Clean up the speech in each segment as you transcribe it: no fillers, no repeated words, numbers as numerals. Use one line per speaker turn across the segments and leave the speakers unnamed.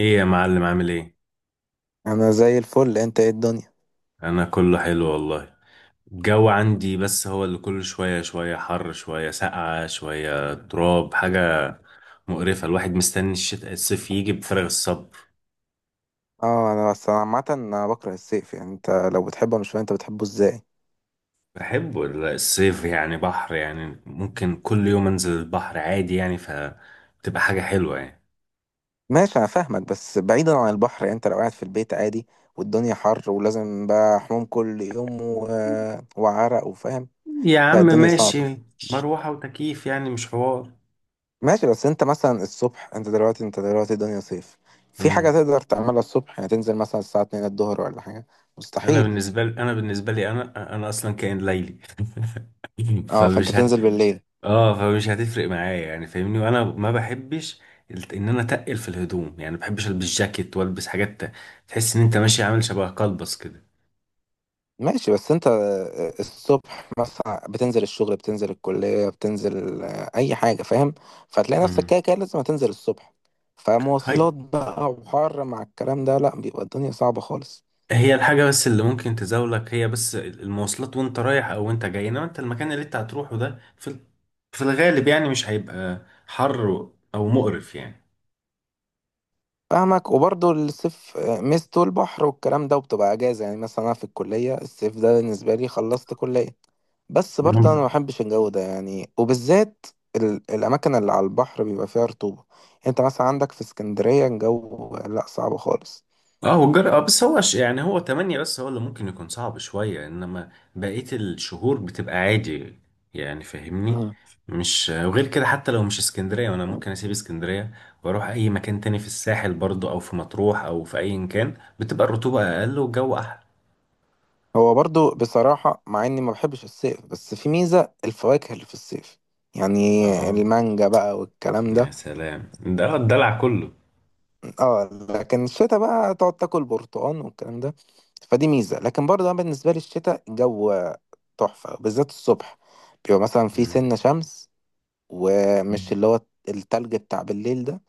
ايه يا معلم، عامل ايه؟
انا زي الفل، انت ايه الدنيا؟
انا كله حلو والله. الجو عندي بس هو اللي كل شوية شوية حر، شوية ساقعة، شوية تراب، حاجة مقرفة. الواحد مستني الشتاء الصيف يجي بفارغ الصبر.
اه، انا بس أنا عامه انا بكره الصيف، يعني انت لو بتحبه مش فاهم انت بتحبه ازاي.
بحبه الصيف، يعني بحر، يعني ممكن كل يوم انزل البحر عادي يعني، فبتبقى حاجة حلوة يعني.
ماشي انا فاهمك، بس بعيدا عن البحر يعني انت لو قاعد في البيت عادي والدنيا حر ولازم بقى حموم كل يوم وعرق وفاهم.
يا عم
لا الدنيا صعبه.
ماشي. مروحة وتكييف يعني، مش حوار.
ماشي بس انت مثلا الصبح، انت دلوقتي الدنيا صيف، في حاجه
امم.
تقدر تعملها الصبح؟ يعني تنزل مثلا الساعه 2 الظهر ولا حاجه؟
انا
مستحيل.
بالنسبة لي انا بالنسبة لي انا انا اصلا كائن ليلي
اه فانت
فمش هت
بتنزل بالليل.
اه فمش هتفرق معايا يعني، فاهمني. وانا ما بحبش الت- ان انا اتقل في الهدوم، يعني ما بحبش البس جاكيت والبس حاجات تحس ان انت ماشي عامل شبه قلبص كده.
ماشي بس انت الصبح مثلا بتنزل الشغل، بتنزل الكلية، بتنزل اي حاجة فاهم، فتلاقي نفسك
امم.
كده كده لازم هتنزل الصبح،
هاي.
فمواصلات بقى وحر مع الكلام ده، لا بيبقى الدنيا صعبة خالص.
هي الحاجه بس اللي ممكن تزاولك هي بس المواصلات وانت رايح او وانت جاي، انما انت المكان اللي انت هتروحه ده في في الغالب يعني مش هيبقى حر او مقرف يعني.
فاهمك، وبرضه الصيف ميزته البحر والكلام ده، وبتبقى اجازة يعني مثلا انا في الكلية الصيف ده بالنسبة لي خلصت كلية. بس برضه انا ما
مم.
بحبش الجو ده يعني، وبالذات الاماكن اللي على البحر بيبقى فيها رطوبة، يعني انت مثلا عندك في اسكندرية الجو لا صعب خالص.
اه، هو الجر. اه بس هو يعني هو تمانية، بس هو اللي ممكن يكون صعب شوية، انما بقية الشهور بتبقى عادي يعني، فاهمني.
مم.
مش وغير كده حتى لو مش اسكندرية وانا ممكن اسيب اسكندرية واروح اي مكان تاني في الساحل برضو، او في مطروح او في اي مكان، بتبقى الرطوبة اقل والجو احلى.
هو برضو بصراحة مع اني ما بحبش الصيف، بس في ميزة الفواكه اللي في الصيف يعني،
اه.
المانجا بقى والكلام
يا
ده.
سلام، ده الدلع كله.
اه. لكن الشتاء بقى تقعد تاكل برتقال والكلام ده، فدي ميزة. لكن برضو انا بالنسبة لي الشتاء الجو تحفة، بالذات الصبح بيبقى مثلا في
مم.
سنة شمس، ومش اللي هو التلج بتاع بالليل ده،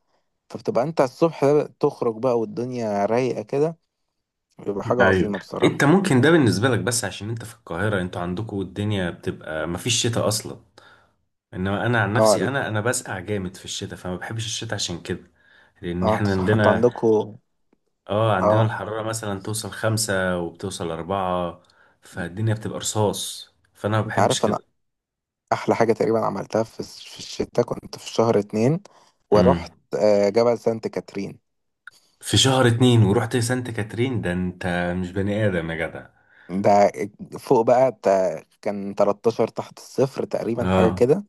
فبتبقى انت الصبح تخرج بقى والدنيا رايقة كده، بيبقى حاجة
ايوه.
عظيمة
انت
بصراحة.
ممكن ده بالنسبة لك بس عشان انت في القاهرة، انتوا عندكوا الدنيا بتبقى مفيش شتاء اصلا. انما انا عن نفسي
اه.
انا بسقع جامد في الشتاء، فما بحبش الشتاء عشان كده. لان
اه انت
احنا
صح، انت
عندنا.
عندكوا.
اه، عندنا
اه.
الحرارة مثلا توصل 5 وبتوصل 4. فالدنيا بتبقى رصاص، فانا ما
انت
بحبش
عارف انا
كده.
احلى حاجه تقريبا عملتها في في الشتاء، كنت في شهر اتنين
امم.
ورحت جبل سانت كاترين.
في شهر اتنين ورحت سانت كاترين، ده انت مش بني ادم يا جدع.
ده فوق بقى كان 13 تحت الصفر تقريبا
اه
حاجه كده،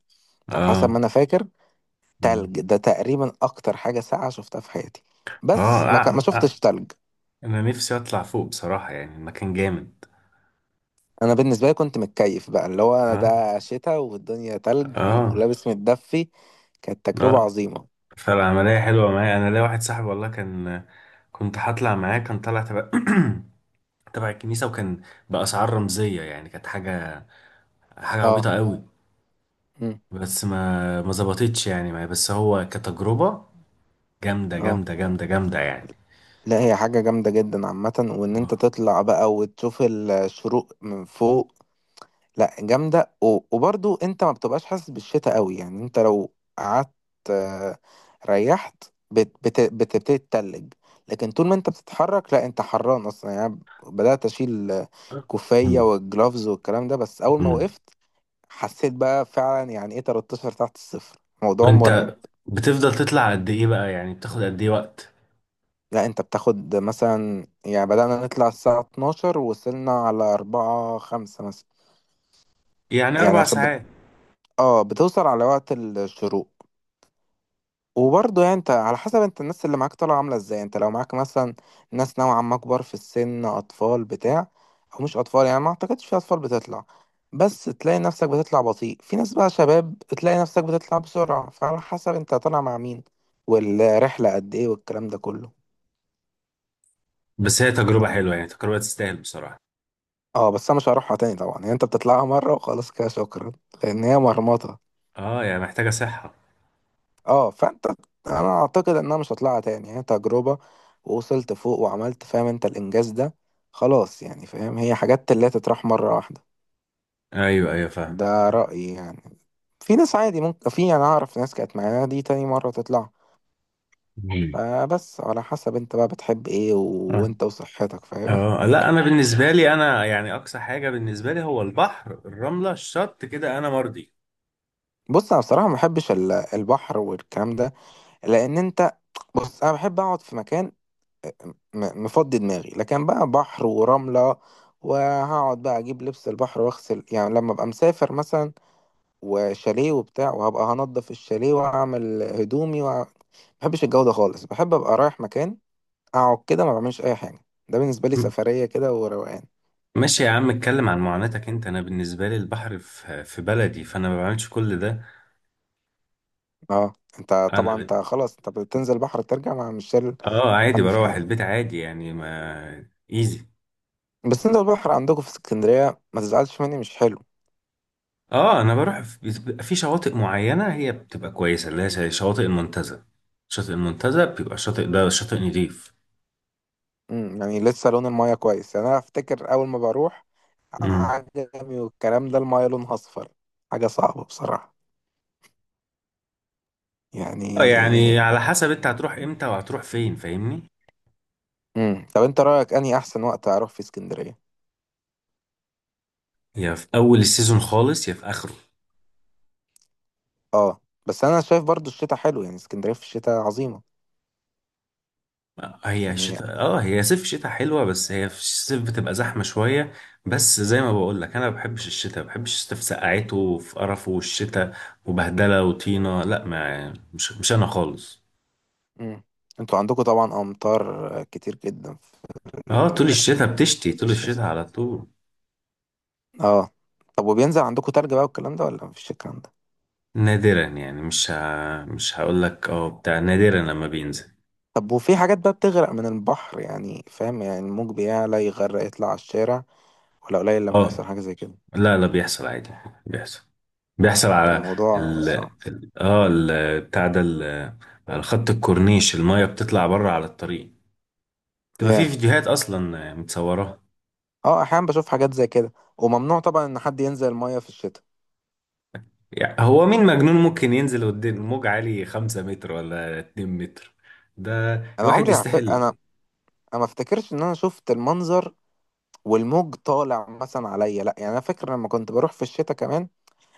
على حسب ما
اه.
انا فاكر.
مم.
تلج ده تقريبا اكتر حاجه ساقعه شفتها في حياتي، بس
اه
ما
آه، آه.
شفتش تلج.
انا نفسي اطلع فوق بصراحة، يعني المكان جامد.
انا بالنسبه لي كنت متكيف بقى، اللي هو أنا
اه
ده شتاء والدنيا تلج
اه
ولابس متدفي، كانت تجربه
اه.
عظيمه.
فالعملية حلوة معايا. أنا ليا واحد صاحبي والله كان، كنت هطلع معاه كان طالع تبع تبع الكنيسة، وكان بأسعار رمزية، يعني كانت حاجة
اه.
عبيطة قوي.
مم.
بس ما ظبطتش يعني معايا، بس هو كتجربة جامدة
اه
جامدة جامدة جامدة يعني.
لا هي حاجة جامدة جدا عامة، وان انت
آه.
تطلع بقى وتشوف الشروق من فوق لا جامدة. وبرضو انت ما بتبقاش حاسس بالشتاء قوي يعني، انت لو قعدت آه، ريحت بتبتدي تتلج، لكن طول ما انت بتتحرك لا انت حران اصلا. يعني أنا بدأت اشيل كوفية
مم.
والجلافز والكلام ده، بس اول ما
مم.
وقفت حسيت بقى فعلا يعني ايه 13 تحت الصفر، موضوع مرعب.
وأنت بتفضل تطلع قد إيه بقى يعني؟ بتاخد قد إيه وقت؟
لا انت بتاخد مثلا، يعني بدأنا نطلع الساعة 12 ووصلنا على 4 5 مثلا،
يعني
يعني
أربع ساعات
اه بتوصل على وقت الشروق. وبرضه يعني انت على حسب انت الناس اللي معاك طالعة عاملة ازاي، انت لو معاك مثلا ناس نوعا ما كبار في السن، اطفال بتاع، او مش اطفال يعني ما اعتقدش في اطفال بتطلع، بس تلاقي نفسك بتطلع بطيء، في ناس بقى شباب تلاقي نفسك بتطلع بسرعة، فعلى حسب انت طالع مع مين والرحلة قد ايه والكلام ده كله.
بس هي تجربة حلوة، يعني تجربة تستاهل بصراحة.
اه بس انا مش هروحها تاني طبعا، يعني انت بتطلعها مره وخلاص كده شكرا، لان هي مرمطه.
اه، يعني محتاجة صحة.
اه فانت، انا اعتقد ان انا مش هطلعها تاني، يعني تجربه ووصلت فوق وعملت فاهم انت الانجاز ده، خلاص يعني فاهم، هي حاجات اللي تتراح مره واحده.
ايوه ايوه فاهم.
ده رايي يعني، في ناس عادي ممكن، في انا اعرف ناس كانت معانا دي تاني مره تطلع، فبس على حسب انت بقى بتحب ايه
مم.
وانت وصحتك فاهم.
اه لا، انا بالنسبه لي انا، يعني اقصى حاجه بالنسبه لي هو البحر، الرمله الشط كده انا مرضي.
بص انا بصراحه ما بحبش البحر والكلام ده، لان انت، بص انا بحب اقعد في مكان مفضي دماغي، لكن بقى بحر ورملة وهقعد بقى اجيب لبس البحر واغسل، يعني لما ابقى مسافر مثلا وشاليه وبتاع وهبقى هنضف الشاليه واعمل هدومي ما بحبش الجو ده خالص. بحب ابقى رايح مكان اقعد كده ما بعملش اي حاجة، ده بالنسبة لي
م-
سفرية كده وروقان.
ماشي يا عم اتكلم عن معاناتك انت، انا بالنسبه لي البحر في بلدي، فانا ما بعملش كل ده.
اه انت
انا
طبعا
ب...
انت خلاص انت بتنزل بحر ترجع ما مش شايل
اه عادي،
هم في
بروح
حاجة.
البيت عادي يعني، ما ايزي.
بس انت البحر عندكم في اسكندرية ما تزعلش مني مش حلو.
اه، بيبقى في شواطئ معينه هي بتبقى كويسه، اللي هي زي شواطئ المنتزه. شاطئ المنتزه بيبقى الشاطئ ده شاطئ نضيف.
امم، يعني لسه لون المايه كويس؟ يعني انا افتكر اول ما بروح
امم.
عجمي والكلام ده المايه لونها اصفر، حاجه صعبه بصراحه
اه
يعني.
يعني على حسب انت هتروح امتى وهتروح فين، فاهمني.
امم، طب انت رايك اني احسن وقت اروح في اسكندريه؟
هي في اول السيزون خالص يا في اخره.
اه بس انا شايف برضو الشتاء حلو يعني، اسكندريه في الشتاء عظيمه يعني.
هي صيف شتاء حلوه، بس هي في الصيف بتبقى زحمه شويه. بس زي ما بقول لك انا ما بحبش الشتاء، ما بحبش الشتاء في سقعته وفي قرفه والشتاء وبهدله وطينه، لا، ما مش انا خالص.
امم. انتوا عندكم طبعا امطار كتير جدا في
اه، طول
ال-
الشتاء بتشتي،
في
طول الشتاء
الشتاء.
على طول.
اه. طب وبينزل عندكم تلج بقى والكلام ده ولا مفيش الكلام ده؟
نادرا، يعني مش هقول لك اه بتاع، نادرا لما بينزل.
طب وفي حاجات بقى بتغرق من البحر يعني فاهم، يعني الموج بيعلى يغرق يطلع على الشارع، ولا قليل لما بيحصل
اه
حاجه زي كده؟
لا لا، بيحصل عادي، بيحصل بيحصل على،
الموضوع صعب.
اه الخط الكورنيش المايه بتطلع بره على الطريق، تبقى في
ياه.
فيديوهات اصلا متصوراها.
اه احيانا بشوف حاجات زي كده، وممنوع طبعا ان حد ينزل المية في الشتاء.
يعني هو مين مجنون ممكن ينزل قدام موج عالي 5 متر ولا 2 متر؟ ده الواحد
انا،
يستاهل.
انا ما افتكرش ان انا شفت المنظر والموج طالع مثلا عليا لا، يعني انا فاكر لما كنت بروح في الشتاء كمان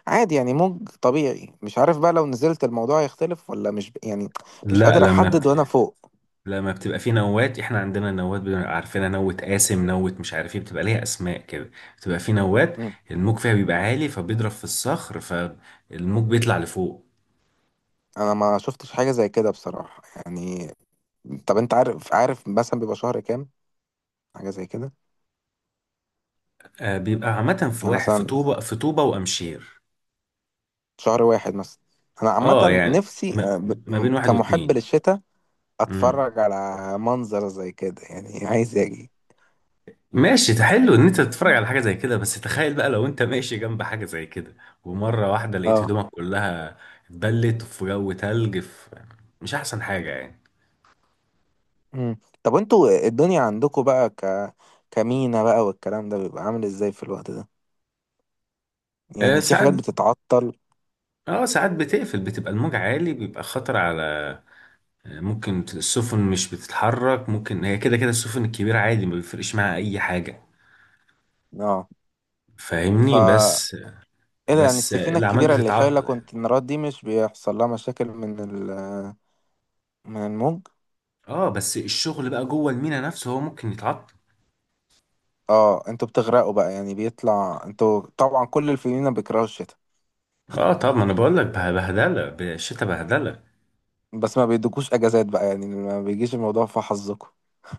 عادي يعني موج طبيعي، مش عارف بقى لو نزلت الموضوع يختلف ولا مش ب... يعني مش
لا
قادر احدد وانا فوق.
لما بتبقى في نوات، احنا عندنا نوات بنبقى عارفينها، نوة قاسم، نوة مش عارف ايه، بتبقى ليها اسماء كده. بتبقى في نوات
مم.
الموج فيها بيبقى عالي، فبيضرب في الصخر فالموج بيطلع لفوق.
انا ما شفتش حاجة زي كده بصراحة يعني. طب انت عارف، عارف مثلا بيبقى شهر كام حاجة زي كده؟
آه، بيبقى عامة في
يعني
واحد في
مثلا
طوبة، في طوبة وأمشير.
شهر واحد مثلا، انا
اه
عامة
يعني
نفسي
ما, ما بين واحد
كمحب
واتنين.
للشتاء
امم.
اتفرج على منظر زي كده، يعني عايز اجي.
ماشي، ده حلو ان انت تتفرج على حاجه زي كده، بس تخيل بقى لو انت ماشي جنب حاجه زي كده ومره واحده لقيت
اه.
هدومك كلها اتبلت في جو تلج، في مش احسن حاجه يعني.
مم. طب انتوا الدنيا عندكم بقى كمينا بقى والكلام ده بيبقى عامل ازاي في الوقت ده؟
آه
يعني في
ساعات.
حاجات بتتعطل؟
اه ساعات بتقفل، بتبقى الموج عالي بيبقى خطر على، آه، ممكن السفن مش بتتحرك، ممكن هي كده كده السفن الكبيره عادي ما بيفرقش معاها اي حاجه،
اه ف،
فاهمني، بس
ايه ده يعني
بس
السفينة
الاعمال
الكبيرة اللي شايلة
بتتعطل يعني.
كونتينرات دي مش بيحصل لها مشاكل من الموج؟
اه بس الشغل بقى جوه المينا نفسه هو ممكن يتعطل.
اه انتوا بتغرقوا بقى، يعني بيطلع، انتوا طبعا كل الفينا بيكرهوا الشتاء.
اه طب ما انا بقول لك بهدله، بالشتا بهدله.
بس ما بيدوكوش اجازات بقى يعني؟ ما بيجيش الموضوع في حظكم.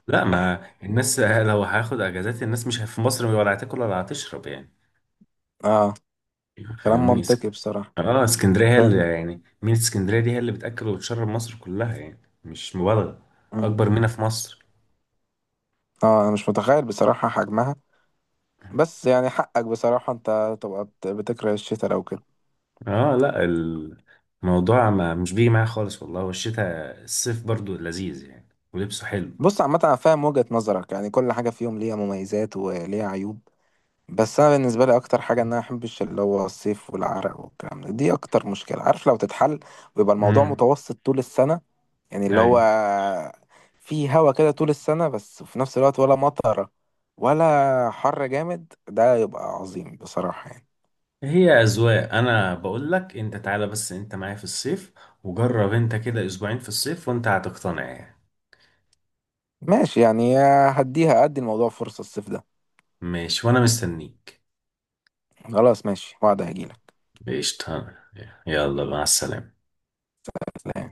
لا، ما الناس لو هاخد اجازات الناس مش في مصر ولا هتاكل ولا هتشرب يعني،
اه كلام
فاهمني.
منطقي بصراحة.
اه، اسكندريه هي
ف...
اللي يعني، مينا اسكندريه دي هي اللي بتاكل وتشرب مصر كلها يعني، مش مبالغه. اكبر مينا في مصر.
اه انا مش متخيل بصراحة حجمها. بس يعني حقك بصراحة انت تبقى بتكره الشتاء لو كده.
اه لا، الموضوع ما مش بيجي معايا خالص والله، والشتاء الصيف برضو لذيذ يعني ولبسه حلو.
بص عامة انا فاهم وجهة نظرك، يعني كل حاجة فيهم ليها مميزات وليها عيوب، بس انا بالنسبة لي اكتر حاجة ان انا احبش اللي هو الصيف والعرق والكلام ده، دي اكتر مشكلة عارف لو تتحل ويبقى الموضوع متوسط طول السنة، يعني اللي هو
امم.
في هوا كده طول السنة بس في نفس الوقت ولا مطرة ولا حر جامد، ده يبقى عظيم بصراحة يعني.
هي أذواق، أنا بقول لك أنت تعالى بس أنت معايا في الصيف وجرب أنت كده أسبوعين في الصيف، وأنت هتقتنع يعني.
ماشي يعني، هديها ادي الموضوع فرصة الصيف ده.
ماشي وأنا مستنيك.
خلاص ماشي، وعد هجيلك.
قشطة. يلا مع السلامة.
لا.